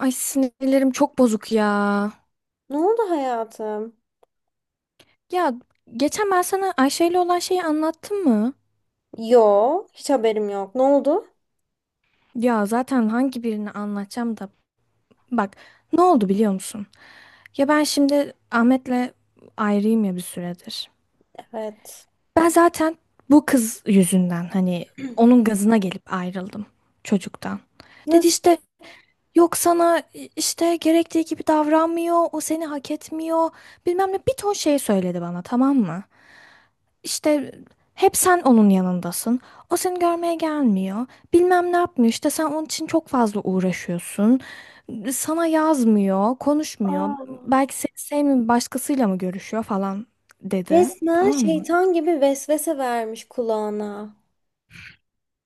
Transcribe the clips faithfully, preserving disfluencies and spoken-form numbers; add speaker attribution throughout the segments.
Speaker 1: Ay sinirlerim çok bozuk ya.
Speaker 2: Ne oldu hayatım?
Speaker 1: Ya geçen ben sana Ayşe ile olan şeyi anlattım mı?
Speaker 2: Yo, hiç haberim yok. Ne oldu?
Speaker 1: Ya zaten hangi birini anlatacağım da. Bak ne oldu biliyor musun? Ya ben şimdi Ahmet'le ayrıyım ya bir süredir.
Speaker 2: Evet.
Speaker 1: Ben zaten bu kız yüzünden hani onun gazına gelip ayrıldım çocuktan. Dedi
Speaker 2: Nasıl?
Speaker 1: işte yok sana işte gerektiği gibi davranmıyor, o seni hak etmiyor bilmem ne bir ton şey söyledi bana tamam mı? İşte hep sen onun yanındasın. O seni görmeye gelmiyor. Bilmem ne yapmıyor. İşte sen onun için çok fazla uğraşıyorsun. Sana yazmıyor, konuşmuyor.
Speaker 2: Aa,
Speaker 1: Belki seni sevmiyor, başkasıyla mı görüşüyor falan dedi.
Speaker 2: resmen
Speaker 1: Tamam mı?
Speaker 2: şeytan gibi vesvese vermiş kulağına.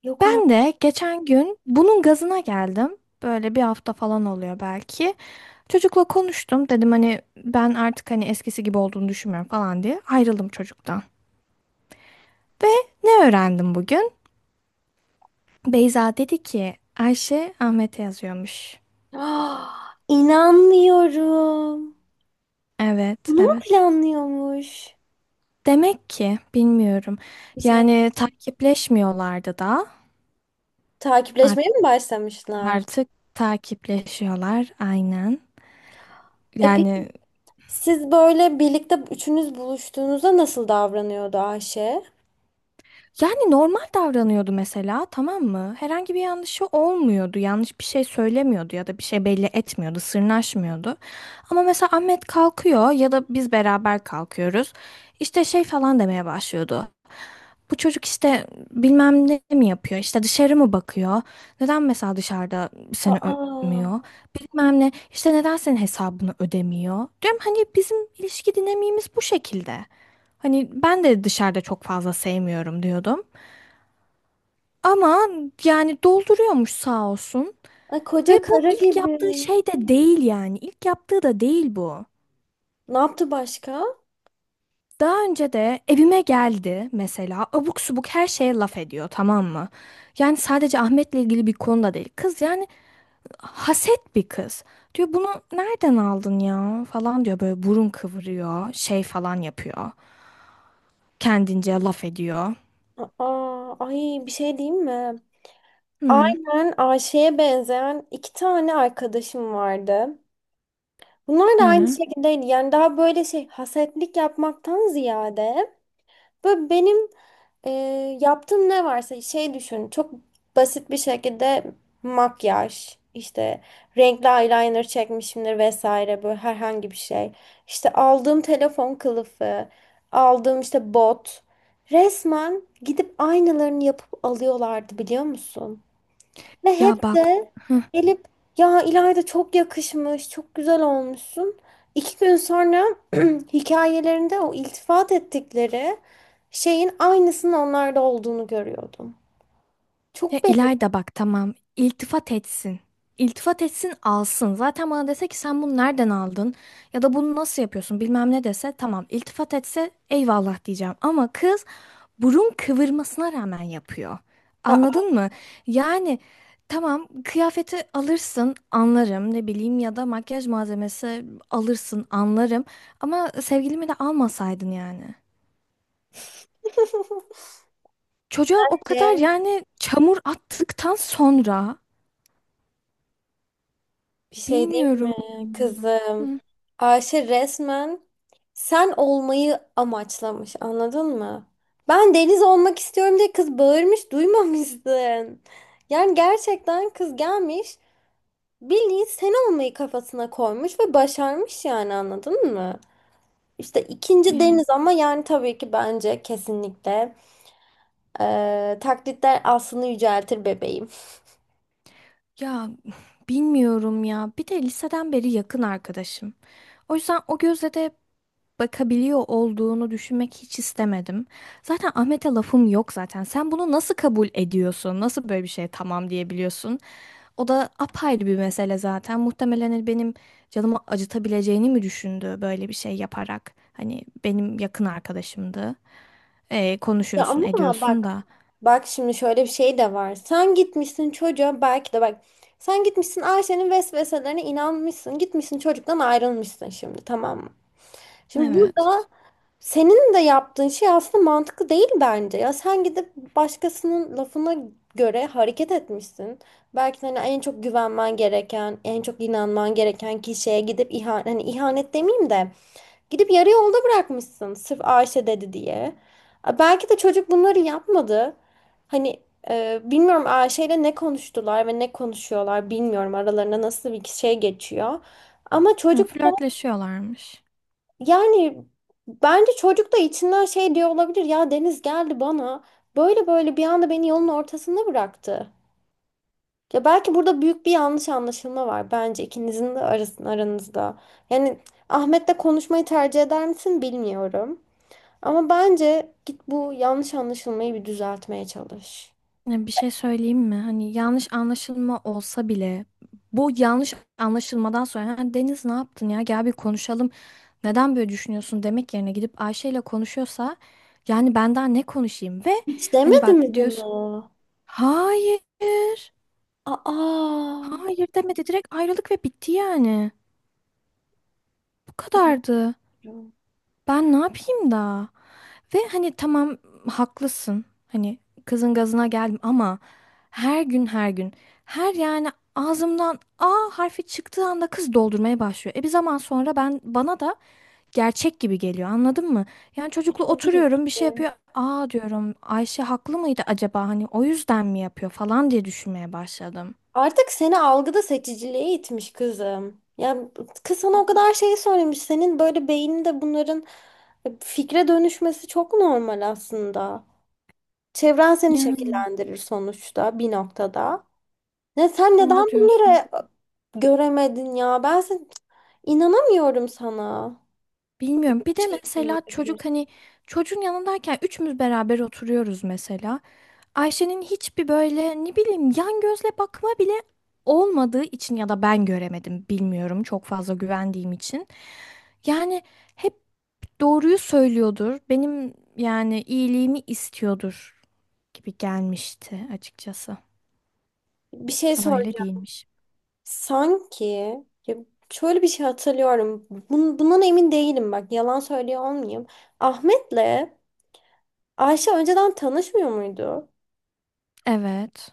Speaker 2: Yok
Speaker 1: Ben
Speaker 2: artık.
Speaker 1: de geçen gün bunun gazına geldim. Böyle bir hafta falan oluyor belki. Çocukla konuştum. Dedim hani ben artık hani eskisi gibi olduğunu düşünmüyorum falan diye. Ayrıldım çocuktan. Ve ne öğrendim bugün? Beyza dedi ki Ayşe Ahmet'e yazıyormuş.
Speaker 2: Ah, inanmıyorum.
Speaker 1: Evet,
Speaker 2: Bunu mu
Speaker 1: evet.
Speaker 2: planlıyormuş?
Speaker 1: Demek ki bilmiyorum.
Speaker 2: Bir şey
Speaker 1: Yani takipleşmiyorlardı da. Art-
Speaker 2: takipleşmeye mi başlamışlar?
Speaker 1: Artık takipleşiyorlar aynen.
Speaker 2: E
Speaker 1: Yani
Speaker 2: peki siz böyle birlikte üçünüz buluştuğunuzda nasıl davranıyordu Ayşe?
Speaker 1: Yani normal davranıyordu mesela, tamam mı? Herhangi bir yanlışı olmuyordu. Yanlış bir şey söylemiyordu ya da bir şey belli etmiyordu, sırnaşmıyordu. Ama mesela Ahmet kalkıyor ya da biz beraber kalkıyoruz. İşte şey falan demeye başlıyordu. Bu çocuk işte bilmem ne mi yapıyor, işte dışarı mı bakıyor? Neden mesela dışarıda seni
Speaker 2: Aa,
Speaker 1: öpmüyor? Bilmem ne, işte neden senin hesabını ödemiyor? Diyorum hani bizim ilişki dinamiğimiz bu şekilde. Hani ben de dışarıda çok fazla sevmiyorum diyordum. Ama yani dolduruyormuş sağ olsun.
Speaker 2: ay
Speaker 1: Ve
Speaker 2: koca
Speaker 1: bu
Speaker 2: kara
Speaker 1: ilk
Speaker 2: gibi.
Speaker 1: yaptığı şey de değil yani. İlk yaptığı da değil bu.
Speaker 2: Ne yaptı başka?
Speaker 1: Daha önce de evime geldi mesela abuk subuk her şeye laf ediyor tamam mı? Yani sadece Ahmet'le ilgili bir konuda değil. Kız yani haset bir kız. Diyor bunu nereden aldın ya falan diyor böyle burun kıvırıyor şey falan yapıyor. Kendince laf ediyor.
Speaker 2: Aa, ay bir şey diyeyim mi?
Speaker 1: Hı.
Speaker 2: Aynen Ayşe'ye benzeyen iki tane arkadaşım vardı. Bunlar da aynı
Speaker 1: Hı.
Speaker 2: şekildeydi. Yani daha böyle şey hasetlik yapmaktan ziyade böyle benim e, yaptığım ne varsa şey düşün. Çok basit bir şekilde makyaj, işte renkli eyeliner çekmişimdir vesaire böyle herhangi bir şey. İşte aldığım telefon kılıfı, aldığım işte bot. Resmen gidip aynalarını yapıp alıyorlardı biliyor musun? Ve
Speaker 1: Ya
Speaker 2: hep
Speaker 1: bak.
Speaker 2: de gelip ya İlayda çok yakışmış, çok güzel olmuşsun. İki gün sonra hikayelerinde o iltifat ettikleri şeyin aynısının onlarda olduğunu görüyordum.
Speaker 1: Ya
Speaker 2: Çok beğendim.
Speaker 1: İlayda bak tamam iltifat etsin. İltifat etsin alsın. Zaten bana dese ki sen bunu nereden aldın ya da bunu nasıl yapıyorsun bilmem ne dese tamam iltifat etse eyvallah diyeceğim. Ama kız burun kıvırmasına rağmen yapıyor.
Speaker 2: Aa,
Speaker 1: Anladın mı? Yani tamam kıyafeti alırsın anlarım ne bileyim ya da makyaj malzemesi alırsın anlarım. Ama sevgilimi de almasaydın yani. Çocuğa o kadar
Speaker 2: Ayşe,
Speaker 1: yani çamur attıktan sonra
Speaker 2: bir şey diyeyim mi
Speaker 1: bilmiyorum.
Speaker 2: kızım? Ayşe resmen sen olmayı amaçlamış anladın mı? Ben deniz olmak istiyorum diye kız bağırmış duymamışsın. Yani gerçekten kız gelmiş Billy sen olmayı kafasına koymuş ve başarmış yani anladın mı? İşte ikinci
Speaker 1: Ya,
Speaker 2: Deniz ama yani tabii ki bence kesinlikle eee, taklitler aslını yüceltir bebeğim.
Speaker 1: ya bilmiyorum ya. Bir de liseden beri yakın arkadaşım. O yüzden o gözle de bakabiliyor olduğunu düşünmek hiç istemedim. Zaten Ahmet'e lafım yok zaten. Sen bunu nasıl kabul ediyorsun? Nasıl böyle bir şeye tamam diyebiliyorsun? O da apayrı bir mesele zaten. Muhtemelen hani benim canımı acıtabileceğini mi düşündü böyle bir şey yaparak? Hani benim yakın arkadaşımdı. Ee,
Speaker 2: Ya
Speaker 1: konuşuyorsun,
Speaker 2: ama
Speaker 1: ediyorsun
Speaker 2: bak
Speaker 1: da.
Speaker 2: bak şimdi şöyle bir şey de var. Sen gitmişsin çocuğa belki de bak sen gitmişsin Ayşe'nin vesveselerine inanmışsın. Gitmişsin çocuktan ayrılmışsın şimdi tamam mı? Şimdi
Speaker 1: Evet.
Speaker 2: burada senin de yaptığın şey aslında mantıklı değil bence. Ya sen gidip başkasının lafına göre hareket etmişsin. Belki de hani en çok güvenmen gereken, en çok inanman gereken kişiye gidip ihanet, hani ihanet demeyeyim de gidip yarı yolda bırakmışsın sırf Ayşe dedi diye. A, belki de çocuk bunları yapmadı. Hani e, bilmiyorum Ayşe ile ne konuştular ve ne konuşuyorlar bilmiyorum aralarında nasıl bir şey geçiyor. Ama
Speaker 1: Yani
Speaker 2: çocuk
Speaker 1: flörtleşiyorlarmış.
Speaker 2: yani bence çocuk da içinden şey diyor olabilir. Ya Deniz geldi bana. Böyle böyle bir anda beni yolun ortasında bıraktı. Ya belki burada büyük bir yanlış anlaşılma var bence ikinizin de arasın aranızda. Yani Ahmet'le konuşmayı tercih eder misin bilmiyorum. Ama bence git bu yanlış anlaşılmayı bir düzeltmeye çalış.
Speaker 1: Ya bir şey söyleyeyim mi? Hani yanlış anlaşılma olsa bile bu yanlış anlaşılmadan sonra "Ha, Deniz ne yaptın ya gel bir konuşalım. Neden böyle düşünüyorsun" demek yerine gidip Ayşe ile konuşuyorsa yani ben daha ne konuşayım ve
Speaker 2: Hiç
Speaker 1: hani
Speaker 2: demedi
Speaker 1: bak
Speaker 2: mi
Speaker 1: diyorsun
Speaker 2: bunu?
Speaker 1: hayır,
Speaker 2: Aa.
Speaker 1: hayır demedi, direkt ayrılık ve bitti yani. Bu
Speaker 2: Evet.
Speaker 1: kadardı. Ben ne yapayım da? Ve hani tamam haklısın. Hani kızın gazına geldim ama her gün her gün her yani ağzımdan A harfi çıktığı anda kız doldurmaya başlıyor. E bir zaman sonra ben bana da gerçek gibi geliyor anladın mı? Yani çocukla
Speaker 2: Tabii
Speaker 1: oturuyorum bir şey
Speaker 2: ki.
Speaker 1: yapıyor. Aa, diyorum Ayşe haklı mıydı acaba hani o yüzden mi yapıyor falan diye düşünmeye başladım.
Speaker 2: Artık seni algıda seçiciliğe itmiş kızım. Ya kız sana o kadar şey söylemiş. Senin böyle beyninde bunların fikre dönüşmesi çok normal aslında. Çevren seni
Speaker 1: Yani
Speaker 2: şekillendirir sonuçta bir noktada. Ne sen neden
Speaker 1: doğru diyorsun.
Speaker 2: bunları göremedin ya? Ben sen, inanamıyorum sana.
Speaker 1: Bilmiyorum. Bir de
Speaker 2: Şey,
Speaker 1: mesela çocuk hani çocuğun yanındayken üçümüz beraber oturuyoruz mesela. Ayşe'nin hiçbir böyle ne bileyim yan gözle bakma bile olmadığı için ya da ben göremedim bilmiyorum çok fazla güvendiğim için. Yani hep doğruyu söylüyordur. Benim yani iyiliğimi istiyordur gibi gelmişti açıkçası.
Speaker 2: bir şey
Speaker 1: Ama öyle
Speaker 2: söyleyeceğim.
Speaker 1: değilmiş.
Speaker 2: Sanki ya şöyle bir şey hatırlıyorum. Bun- bundan emin değilim bak. Yalan söylüyor olmayayım. Ahmet'le Ayşe önceden tanışmıyor muydu?
Speaker 1: Evet.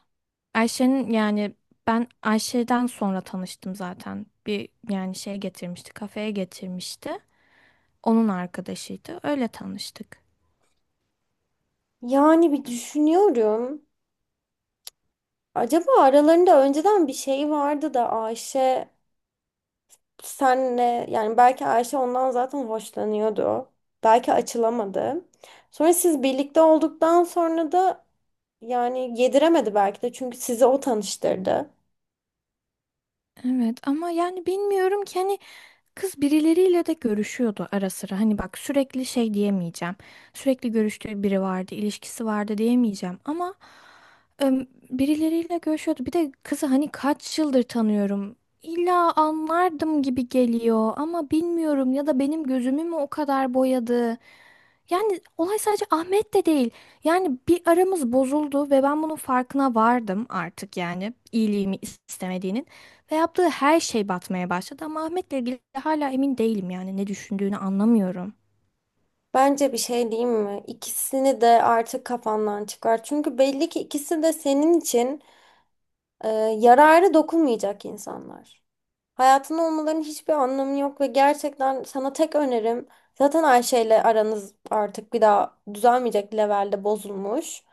Speaker 1: Ayşe'nin yani ben Ayşe'den sonra tanıştım zaten. Bir yani şey getirmişti, kafeye getirmişti. Onun arkadaşıydı. Öyle tanıştık.
Speaker 2: Yani bir düşünüyorum. Acaba aralarında önceden bir şey vardı da Ayşe senle yani belki Ayşe ondan zaten hoşlanıyordu. Belki açılamadı. Sonra siz birlikte olduktan sonra da yani yediremedi belki de çünkü sizi o tanıştırdı.
Speaker 1: Evet ama yani bilmiyorum ki hani kız birileriyle de görüşüyordu ara sıra. Hani bak sürekli şey diyemeyeceğim. Sürekli görüştüğü biri vardı, ilişkisi vardı diyemeyeceğim ama em, birileriyle görüşüyordu. Bir de kızı hani kaç yıldır tanıyorum. İlla anlardım gibi geliyor ama bilmiyorum ya da benim gözümü mü o kadar boyadı? Yani olay sadece Ahmet de değil. Yani bir aramız bozuldu ve ben bunun farkına vardım artık yani iyiliğimi istemediğinin. Ve yaptığı her şey batmaya başladı ama Ahmet'le ilgili hala emin değilim yani ne düşündüğünü anlamıyorum.
Speaker 2: Bence bir şey diyeyim mi? İkisini de artık kafandan çıkar. Çünkü belli ki ikisi de senin için e, yararı dokunmayacak insanlar. Hayatında olmalarının hiçbir anlamı yok ve gerçekten sana tek önerim zaten Ayşe ile aranız artık bir daha düzelmeyecek levelde bozulmuş.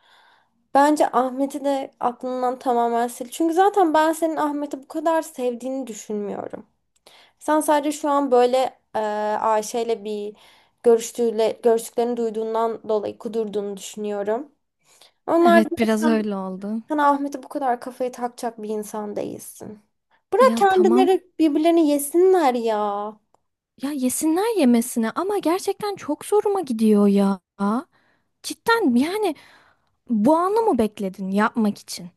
Speaker 2: Bence Ahmet'i de aklından tamamen sil. Çünkü zaten ben senin Ahmet'i bu kadar sevdiğini düşünmüyorum. Sen sadece şu an böyle e, Ayşe'yle bir görüştüğüyle, görüştüklerini duyduğundan dolayı kudurduğunu düşünüyorum. Onlar
Speaker 1: Evet, biraz
Speaker 2: sen,
Speaker 1: öyle oldu.
Speaker 2: sen Ahmet'e bu kadar kafayı takacak bir insan değilsin. Bırak
Speaker 1: Ya tamam
Speaker 2: kendileri birbirlerini yesinler ya.
Speaker 1: ya yesinler yemesine ama gerçekten çok zoruma gidiyor ya. Cidden yani bu anı mı bekledin yapmak için?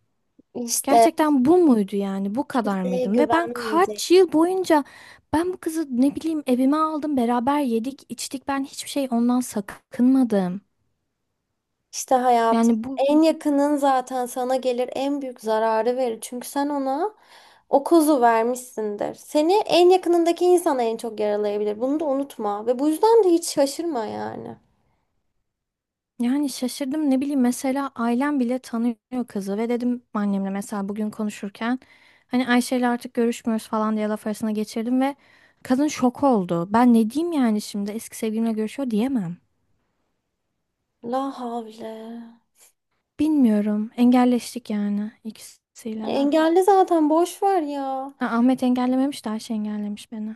Speaker 2: İşte
Speaker 1: Gerçekten bu muydu yani? Bu kadar
Speaker 2: kimseye
Speaker 1: mıydım? Ve ben
Speaker 2: güvenmeyecek.
Speaker 1: kaç yıl boyunca ben bu kızı ne bileyim evime aldım, beraber yedik, içtik. Ben hiçbir şey ondan sakınmadım.
Speaker 2: İşte hayatım.
Speaker 1: Yani bu
Speaker 2: En yakının zaten sana gelir en büyük zararı verir. Çünkü sen ona o kozu vermişsindir. Seni en yakınındaki insan en çok yaralayabilir. Bunu da unutma. Ve bu yüzden de hiç şaşırma yani.
Speaker 1: yani şaşırdım ne bileyim mesela ailem bile tanıyor kızı ve dedim annemle mesela bugün konuşurken hani Ayşe ile artık görüşmüyoruz falan diye laf arasına geçirdim ve kadın şok oldu. Ben ne diyeyim yani şimdi eski sevgilimle görüşüyor diyemem.
Speaker 2: La havle.
Speaker 1: Bilmiyorum. Engelleştik yani ikisiyle de.
Speaker 2: Engelli zaten boş ver ya.
Speaker 1: Ha, Ahmet engellememiş de Ayşe engellemiş beni.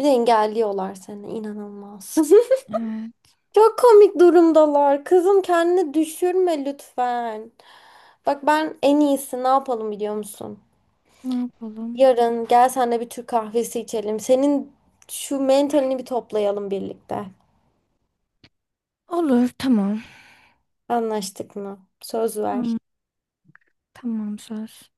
Speaker 2: Bir de engelliyorlar seni inanılmaz.
Speaker 1: Evet,
Speaker 2: Çok komik durumdalar. Kızım kendini düşürme lütfen. Bak ben en iyisi ne yapalım biliyor musun?
Speaker 1: ne yapalım?
Speaker 2: Yarın gel senle bir Türk kahvesi içelim. Senin şu mentalini bir toplayalım birlikte.
Speaker 1: Olur, tamam.
Speaker 2: Anlaştık mı? Söz
Speaker 1: Am-
Speaker 2: ver.
Speaker 1: tamam, söz.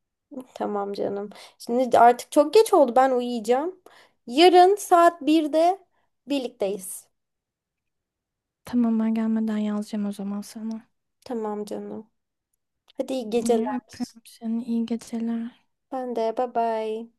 Speaker 2: Tamam canım. Şimdi artık çok geç oldu. Ben uyuyacağım. Yarın saat birde birlikteyiz.
Speaker 1: Tamam, ben gelmeden yazacağım o zaman sana.
Speaker 2: Tamam canım. Hadi iyi
Speaker 1: İyi,
Speaker 2: geceler.
Speaker 1: öpüyorum seni. İyi geceler.
Speaker 2: Ben de bye bye.